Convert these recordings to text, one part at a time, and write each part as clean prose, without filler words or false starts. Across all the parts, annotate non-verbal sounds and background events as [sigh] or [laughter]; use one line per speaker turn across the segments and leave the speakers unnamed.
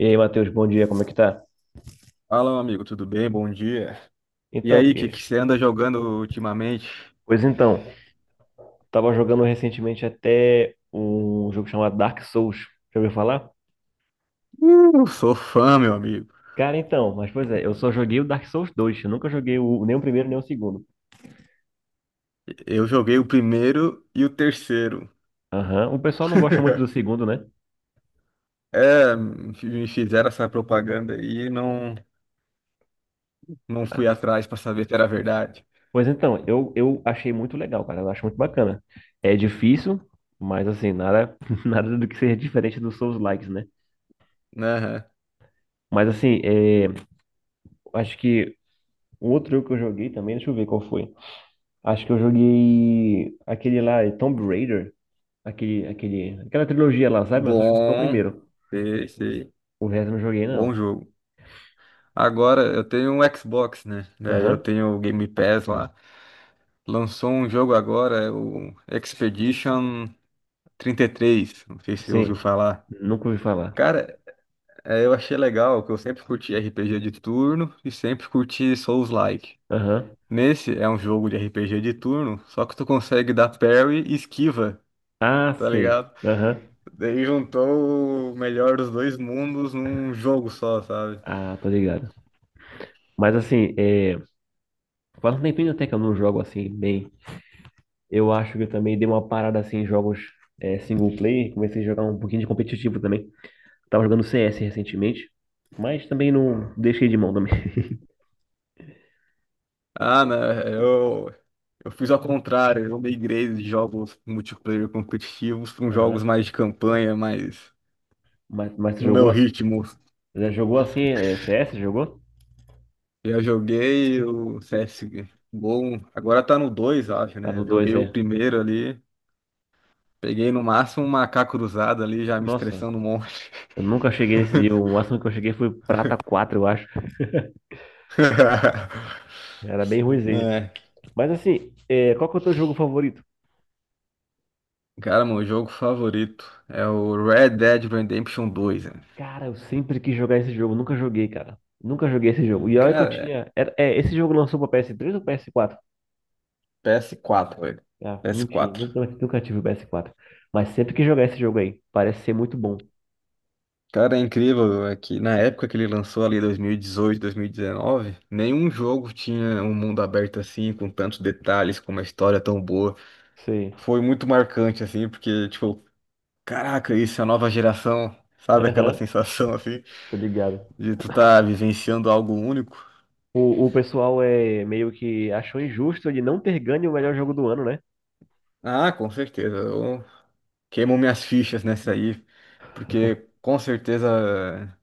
E aí, Matheus, bom dia, como é que tá?
Fala, meu amigo, tudo bem? Bom dia. E
Então,
aí, o que
porque.
que você anda jogando ultimamente?
Pois então, tava jogando recentemente até um jogo chamado Dark Souls. Já ouviu falar?
Sou fã, meu amigo.
Cara, então, mas pois é, eu só joguei o Dark Souls dois. Eu nunca joguei nem o primeiro nem o segundo.
Eu joguei o primeiro e o terceiro.
Aham, o pessoal não gosta muito do
[laughs]
segundo, né?
É, me fizeram essa propaganda aí e não, não fui atrás pra saber se era verdade.
Pois então, eu achei muito legal, cara, eu acho muito bacana. É difícil, mas assim, nada, [laughs] nada do que seja diferente dos Souls-likes, né?
Aham.
Mas assim, acho que o outro jogo que eu joguei também, deixa eu ver qual foi. Acho que eu joguei aquele lá, Tomb Raider, aquela trilogia lá, sabe? Mas eu joguei só o
Bom,
primeiro.
sei.
O resto eu não joguei,
Bom
não.
jogo. Agora eu tenho um Xbox, né? Daí eu
Aham.
tenho o Game Pass lá. Lançou um jogo agora, é o Expedition trinta e três. Não sei se você ouviu
Sim.
falar.
Nunca ouvi falar.
Cara, eu achei legal que eu sempre curti RPG de turno e sempre curti Souls-like.
Aham.
Nesse é um jogo de RPG de turno, só que tu consegue dar parry e esquiva,
Ah,
tá
sei.
ligado?
Aham.
Daí juntou o melhor dos dois mundos num jogo só, sabe?
Ah, tô ligado. Mas assim, faz um tempinho até que eu não jogo assim bem. Eu acho que eu também dei uma parada assim em jogos single player. Comecei a jogar um pouquinho de competitivo também. Tava jogando CS recentemente, mas também não deixei de mão também. [laughs]
Ah, né, eu fiz ao contrário, eu migrei de jogos multiplayer competitivos para jogos
Aham.
mais de campanha, mais
Mas você
no meu
jogou?
ritmo.
Já jogou assim, C S jogou?
Eu joguei o CSGO, agora tá no 2, acho, né?
Prata
Eu
dois
joguei o
é.
primeiro ali, peguei no máximo um macaco cruzado ali, já me
Nossa,
estressando um monte.
eu nunca cheguei nesse nível. O máximo que eu cheguei foi Prata 4 eu acho.
[laughs]
Era bem ruimzinho.
É.
Mas assim, qual que é o teu jogo favorito?
Cara, meu jogo favorito é o Red Dead Redemption 2, né?
Cara, eu sempre quis jogar esse jogo. Nunca joguei, cara. Nunca joguei esse jogo. E olha que eu
Cara, é
tinha. Esse jogo lançou pra PS3 ou PS4?
PS4, velho.
Ah, não tinha.
PS4.
Nunca tive o PS4. Mas sempre quis jogar esse jogo aí. Parece ser muito bom.
Cara, é incrível é que na época que ele lançou ali, 2018, 2019, nenhum jogo tinha um mundo aberto assim, com tantos detalhes, com uma história tão boa.
Sei.
Foi muito marcante, assim, porque, tipo, caraca, isso é a nova geração, sabe aquela
Aham,
sensação, assim,
tô ligado.
de tu tá vivenciando algo único?
O pessoal é meio que achou injusto ele não ter ganho o melhor jogo do ano, né?
Ah, com certeza, eu queimo minhas fichas nessa aí, porque com certeza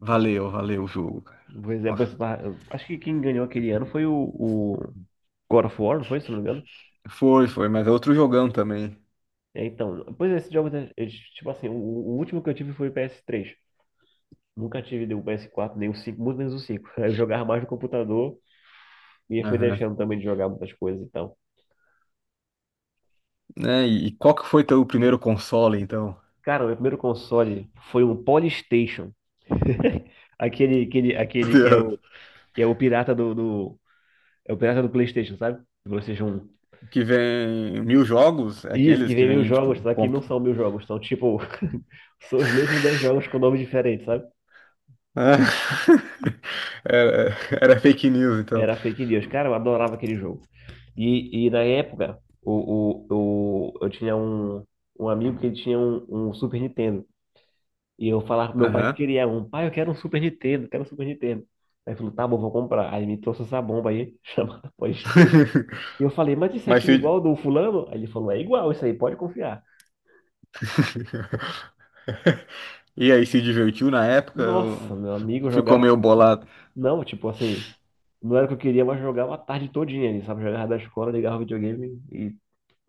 valeu o jogo, cara.
Pois é,
Nossa,
acho que quem ganhou aquele ano foi o God of War, não foi, se não me engano?
foi, mas é outro jogão também.
É, então, pois é, esses jogos, né, tipo assim, o último que eu tive foi o PS3. Nunca tive nem o PS4, nem o 5, muito menos o 5. [laughs] Eu jogava mais no computador e fui
Aham.
deixando também de jogar muitas coisas e tal.
Né? E qual que foi teu primeiro console, então?
Cara, o meu primeiro console foi um Polystation. [laughs] Aquele, aquele,
[laughs] Meu
aquele
Deus.
que é o pirata do, é o pirata do PlayStation, sabe? Do PlayStation 1.
Que vem mil jogos, é
Isso, que
aqueles que
vem mil
vem,
jogos,
tipo,
só que
comp...
não são 1.000 jogos, são tipo, [laughs] são os mesmos
[laughs]
10 jogos com nomes diferentes, sabe?
Ah, [laughs] era, era fake news, então.
Era fake news. Cara, eu adorava aquele jogo. E na época, eu tinha um amigo que ele tinha um Super Nintendo. E eu falava pro meu pai que
Aham.
queria um. Pai, eu quero um Super Nintendo, quero um Super Nintendo. Aí ele falou, tá bom, vou comprar. Aí ele me trouxe essa bomba aí, [laughs] chamada PlayStation.
[laughs]
E eu falei, mas isso
Mas
aqui é
se...
igual ao do fulano? Aí ele falou, é igual isso aí, pode confiar.
[laughs] E aí, se divertiu na época?
Nossa,
Ou
meu amigo, eu
ficou
jogava.
meio bolado. O
Não, tipo assim, não era o que eu queria, mas jogava a tarde todinha ali, sabe? Jogava da escola, ligava o videogame e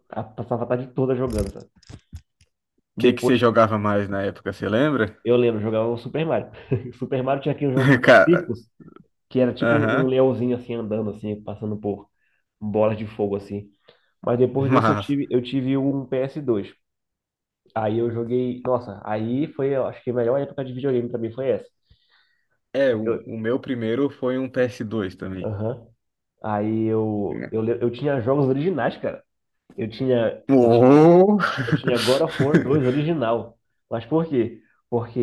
passava a tarde toda jogando, sabe?
que que você
Depois,
jogava mais na época, você lembra?
eu lembro, jogava o Super Mario. [laughs] Super Mario tinha aquele jogo
[laughs]
chamado
Cara,
Circus, que era tipo um, um
aham.
leãozinho assim andando, assim, passando por bolas de fogo, assim. Mas depois desse eu
Mas,
tive, eu tive um PS2. Aí eu joguei, nossa, aí foi, eu acho que a melhor época de videogame pra mim foi essa.
é,
Porque eu,
o meu primeiro foi um PS2 também.
aham. Aí eu tinha jogos originais, cara. Eu tinha, eu tinha
Oh!
Eu tinha God of War 2
[laughs]
original. Mas por quê? Porque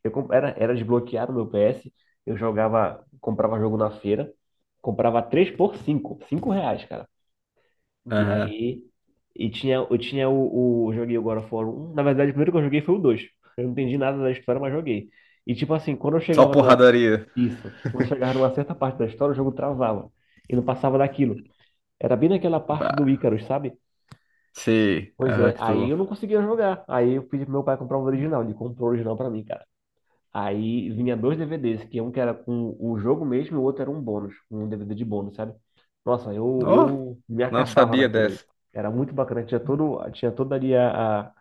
era desbloqueado meu PS, eu jogava, comprava jogo na feira, comprava 3 por 5, 5 reais, cara. E
Aham.
aí, e tinha, eu joguei o God of War 1, na verdade o primeiro que eu joguei foi o 2. Eu não entendi nada da história, mas joguei. E tipo assim, quando eu
Só
chegava numa,
porradaria.
isso, quando eu chegava numa certa parte da história, o jogo travava. E não passava daquilo. Era bem naquela parte do
Bah,
Icarus, sabe?
sei.
Pois
Aham,
é,
que
aí
tu...
eu não conseguia jogar. Aí eu pedi pro meu pai comprar o original. Ele comprou o original pra mim, cara. Aí vinha dois DVDs, que um que era com o jogo mesmo e o outro era um bônus, um DVD de bônus, sabe? Nossa, eu,
Oh,
eu me
não
acabava
sabia
naquilo ali.
dessa.
Era muito bacana, tinha toda ali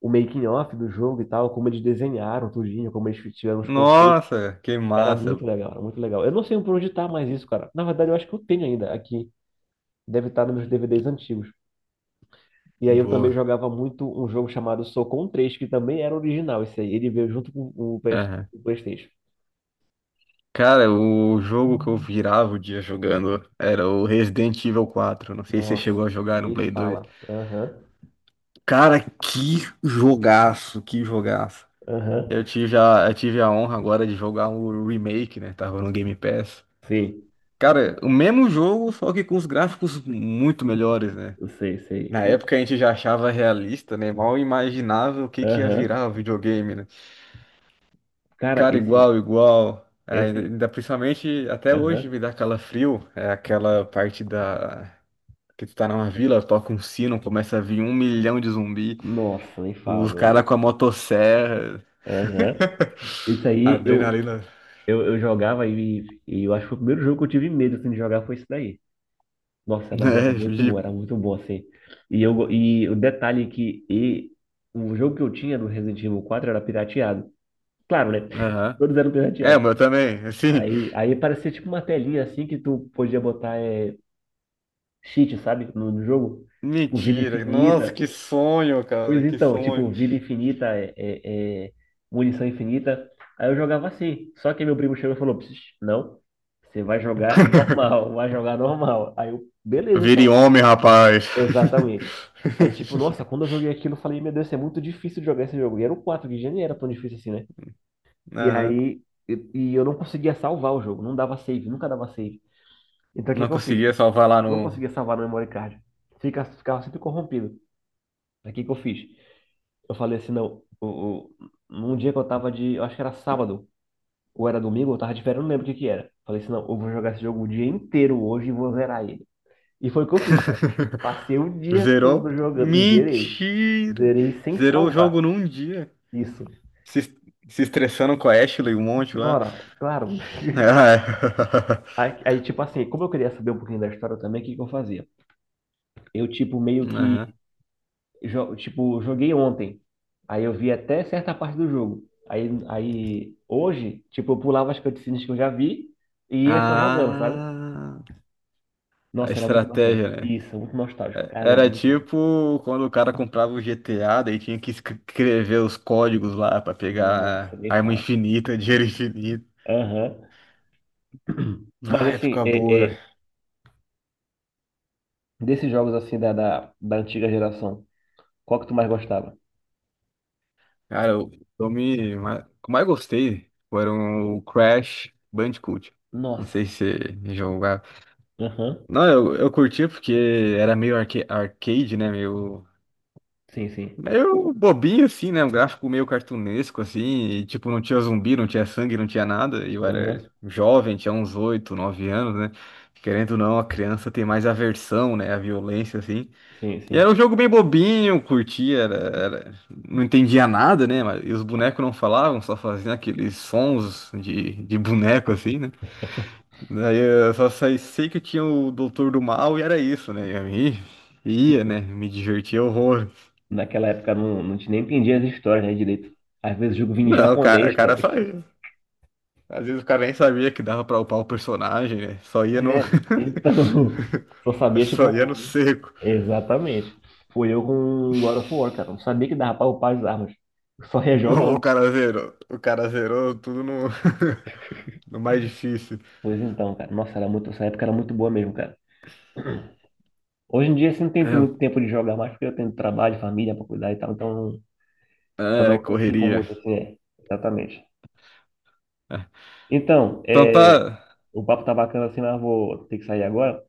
o making of do jogo e tal, como eles desenharam tudinho, como eles tiveram os conceitos.
Nossa, que
Era muito
massa.
legal, era muito legal. Eu não sei por onde tá mais isso, cara. Na verdade, eu acho que eu tenho ainda aqui. Deve estar nos meus DVDs antigos. E aí eu também
Boa.
jogava muito um jogo chamado Socon 3, que também era original esse aí. Ele veio junto com
Aham.
o PlayStation.
Cara, o jogo que eu virava o dia jogando era o Resident Evil 4. Não sei se você
Nossa,
chegou a jogar no
nem
Play 2.
fala. Aham,
Cara, que jogaço, que jogaço.
aham.
Eu tive a honra agora de jogar o remake, né? Tava no Game Pass.
Sei,
Cara, o mesmo jogo, só que com os gráficos muito melhores, né?
sei, sei.
Na época a gente já achava realista, né? Mal imaginava o que que ia
Aham.
virar o videogame, né?
Cara,
Cara,
esse.
igual. É,
Esse.
ainda principalmente até hoje
Aham.
me dá calafrio. É aquela parte da. Que tu tá numa vila, toca um sino, começa a vir um milhão de zumbi,
Nossa, nem fala,
os
meu
caras
amigo.
com a motosserra. [laughs]
Aham. Esse aí eu,
Adrenalina.
eu, eu jogava e eu acho que o primeiro jogo que eu tive medo assim, de jogar foi esse daí. Nossa, mas
É, de...
era muito bom, assim. E o detalhe é que o jogo que eu tinha do Resident Evil 4 era pirateado. Claro, né? [laughs]
aham.
Todos eram
É, o
pirateados.
meu também, assim.
Aí, parecia tipo uma telinha, assim, que tu podia botar cheat, sabe? No jogo. Tipo, vida
Mentira. Nossa,
infinita.
que sonho, cara,
Pois
que
então, tipo,
sonho.
vida infinita, munição infinita. Aí eu jogava assim. Só que meu primo chegou e falou, "Pss, não, você vai jogar
[laughs]
normal, vai jogar normal. Aí eu, beleza, então."
Vire homem, rapaz.
Exatamente. Aí, tipo, nossa, quando
[laughs]
eu joguei aquilo, eu falei, meu Deus, isso é muito difícil de jogar esse jogo. E era o 4 que já nem era tão difícil assim, né? E
Aham.
aí, e eu não conseguia salvar o jogo, não dava save, nunca dava save. Então, o que
Não
que eu fiz?
conseguia salvar lá
Não
no.
conseguia salvar no memory card. Ficava sempre corrompido. Aí, o que que eu fiz? Eu falei assim, não, o, num dia que eu tava de, eu acho que era sábado, ou era domingo, eu tava de férias, eu não lembro o que que era. Falei assim, não, eu vou jogar esse jogo o dia inteiro hoje e vou zerar ele. E foi o que eu fiz, cara. Passei o dia todo
Zerou?
jogando e zerei.
Mentira!
Zerei sem
Zerou o
salvar.
jogo num dia.
Isso.
Se, se estressando com a Ashley, um monte lá.
Nora,
[laughs]
claro.
Ah, é.
Aí, tipo assim, como eu queria saber um pouquinho da história também, o que que eu fazia? Eu, tipo, meio
Aham.
que. Tipo, joguei ontem. Aí eu vi até certa parte do jogo. Aí, hoje, tipo, eu pulava as cutscenes que eu já vi e ia só jogando, sabe?
Ah, a
Nossa, era muito bacana.
estratégia, né?
Isso, muito nostálgico. Caramba,
Era
muito bom.
tipo quando o cara comprava o GTA, daí tinha que escrever os códigos lá pra
Nossa,
pegar
nem
arma
fala.
infinita, dinheiro infinito.
Aham. Mas
Ah,
assim,
época boa.
desses jogos assim da antiga geração, qual que tu mais gostava?
Cara, o filme que eu mais gostei foram o Crash Bandicoot. Não sei
Nossa.
se você jogava.
Aham.
Não, eu curtia porque era meio arcade, né?
Sim, sim.
Meio bobinho, assim, né? Um gráfico meio cartunesco, assim. E, tipo, não tinha zumbi, não tinha sangue, não tinha nada. E eu era
Aham.
jovem, tinha uns 8, 9 anos, né? Querendo ou não, a criança tem mais aversão, né? A violência, assim.
Sim,
E era
sim.
um jogo bem bobinho, eu curtia, era- não entendia nada, né? Mas, e os bonecos não falavam, só faziam aqueles sons de boneco, assim, né? Daí eu só sei que tinha o Doutor do Mal e era isso, né? E aí, ia, né? Me divertia horror.
Naquela época não, não te nem entendia as histórias, né, direito. Às vezes o jogo vinha em
Não, cara, o
japonês, cara.
cara só ia. Às vezes o cara nem sabia que dava pra upar o personagem, né? Só ia no,
É.
[laughs]
Então, [laughs] só sabia,
só ia no
tipo,
seco.
exatamente. Foi eu com God of War, cara. Não sabia que dava pra upar as armas. Só ia
Ô,
jogando.
o cara zerou tudo no, [laughs] no mais difícil.
Pois então, cara. Nossa, era muito, essa época era muito boa mesmo, cara. Hoje em dia, assim, não tem muito tempo de jogar mais, porque eu tenho trabalho, família pra cuidar e tal. Então, não,
É,
não, não ficam
correria.
muito assim, é. Exatamente.
É.
Então,
Então tá.
o papo tá bacana assim, mas eu vou ter que sair agora.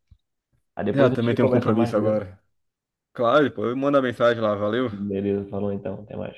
Aí
É,
depois
eu
a
também
gente
tenho um
conversa mais
compromisso
mesmo.
agora. Claro, pô, manda mensagem lá, valeu.
Beleza, falou então, até mais.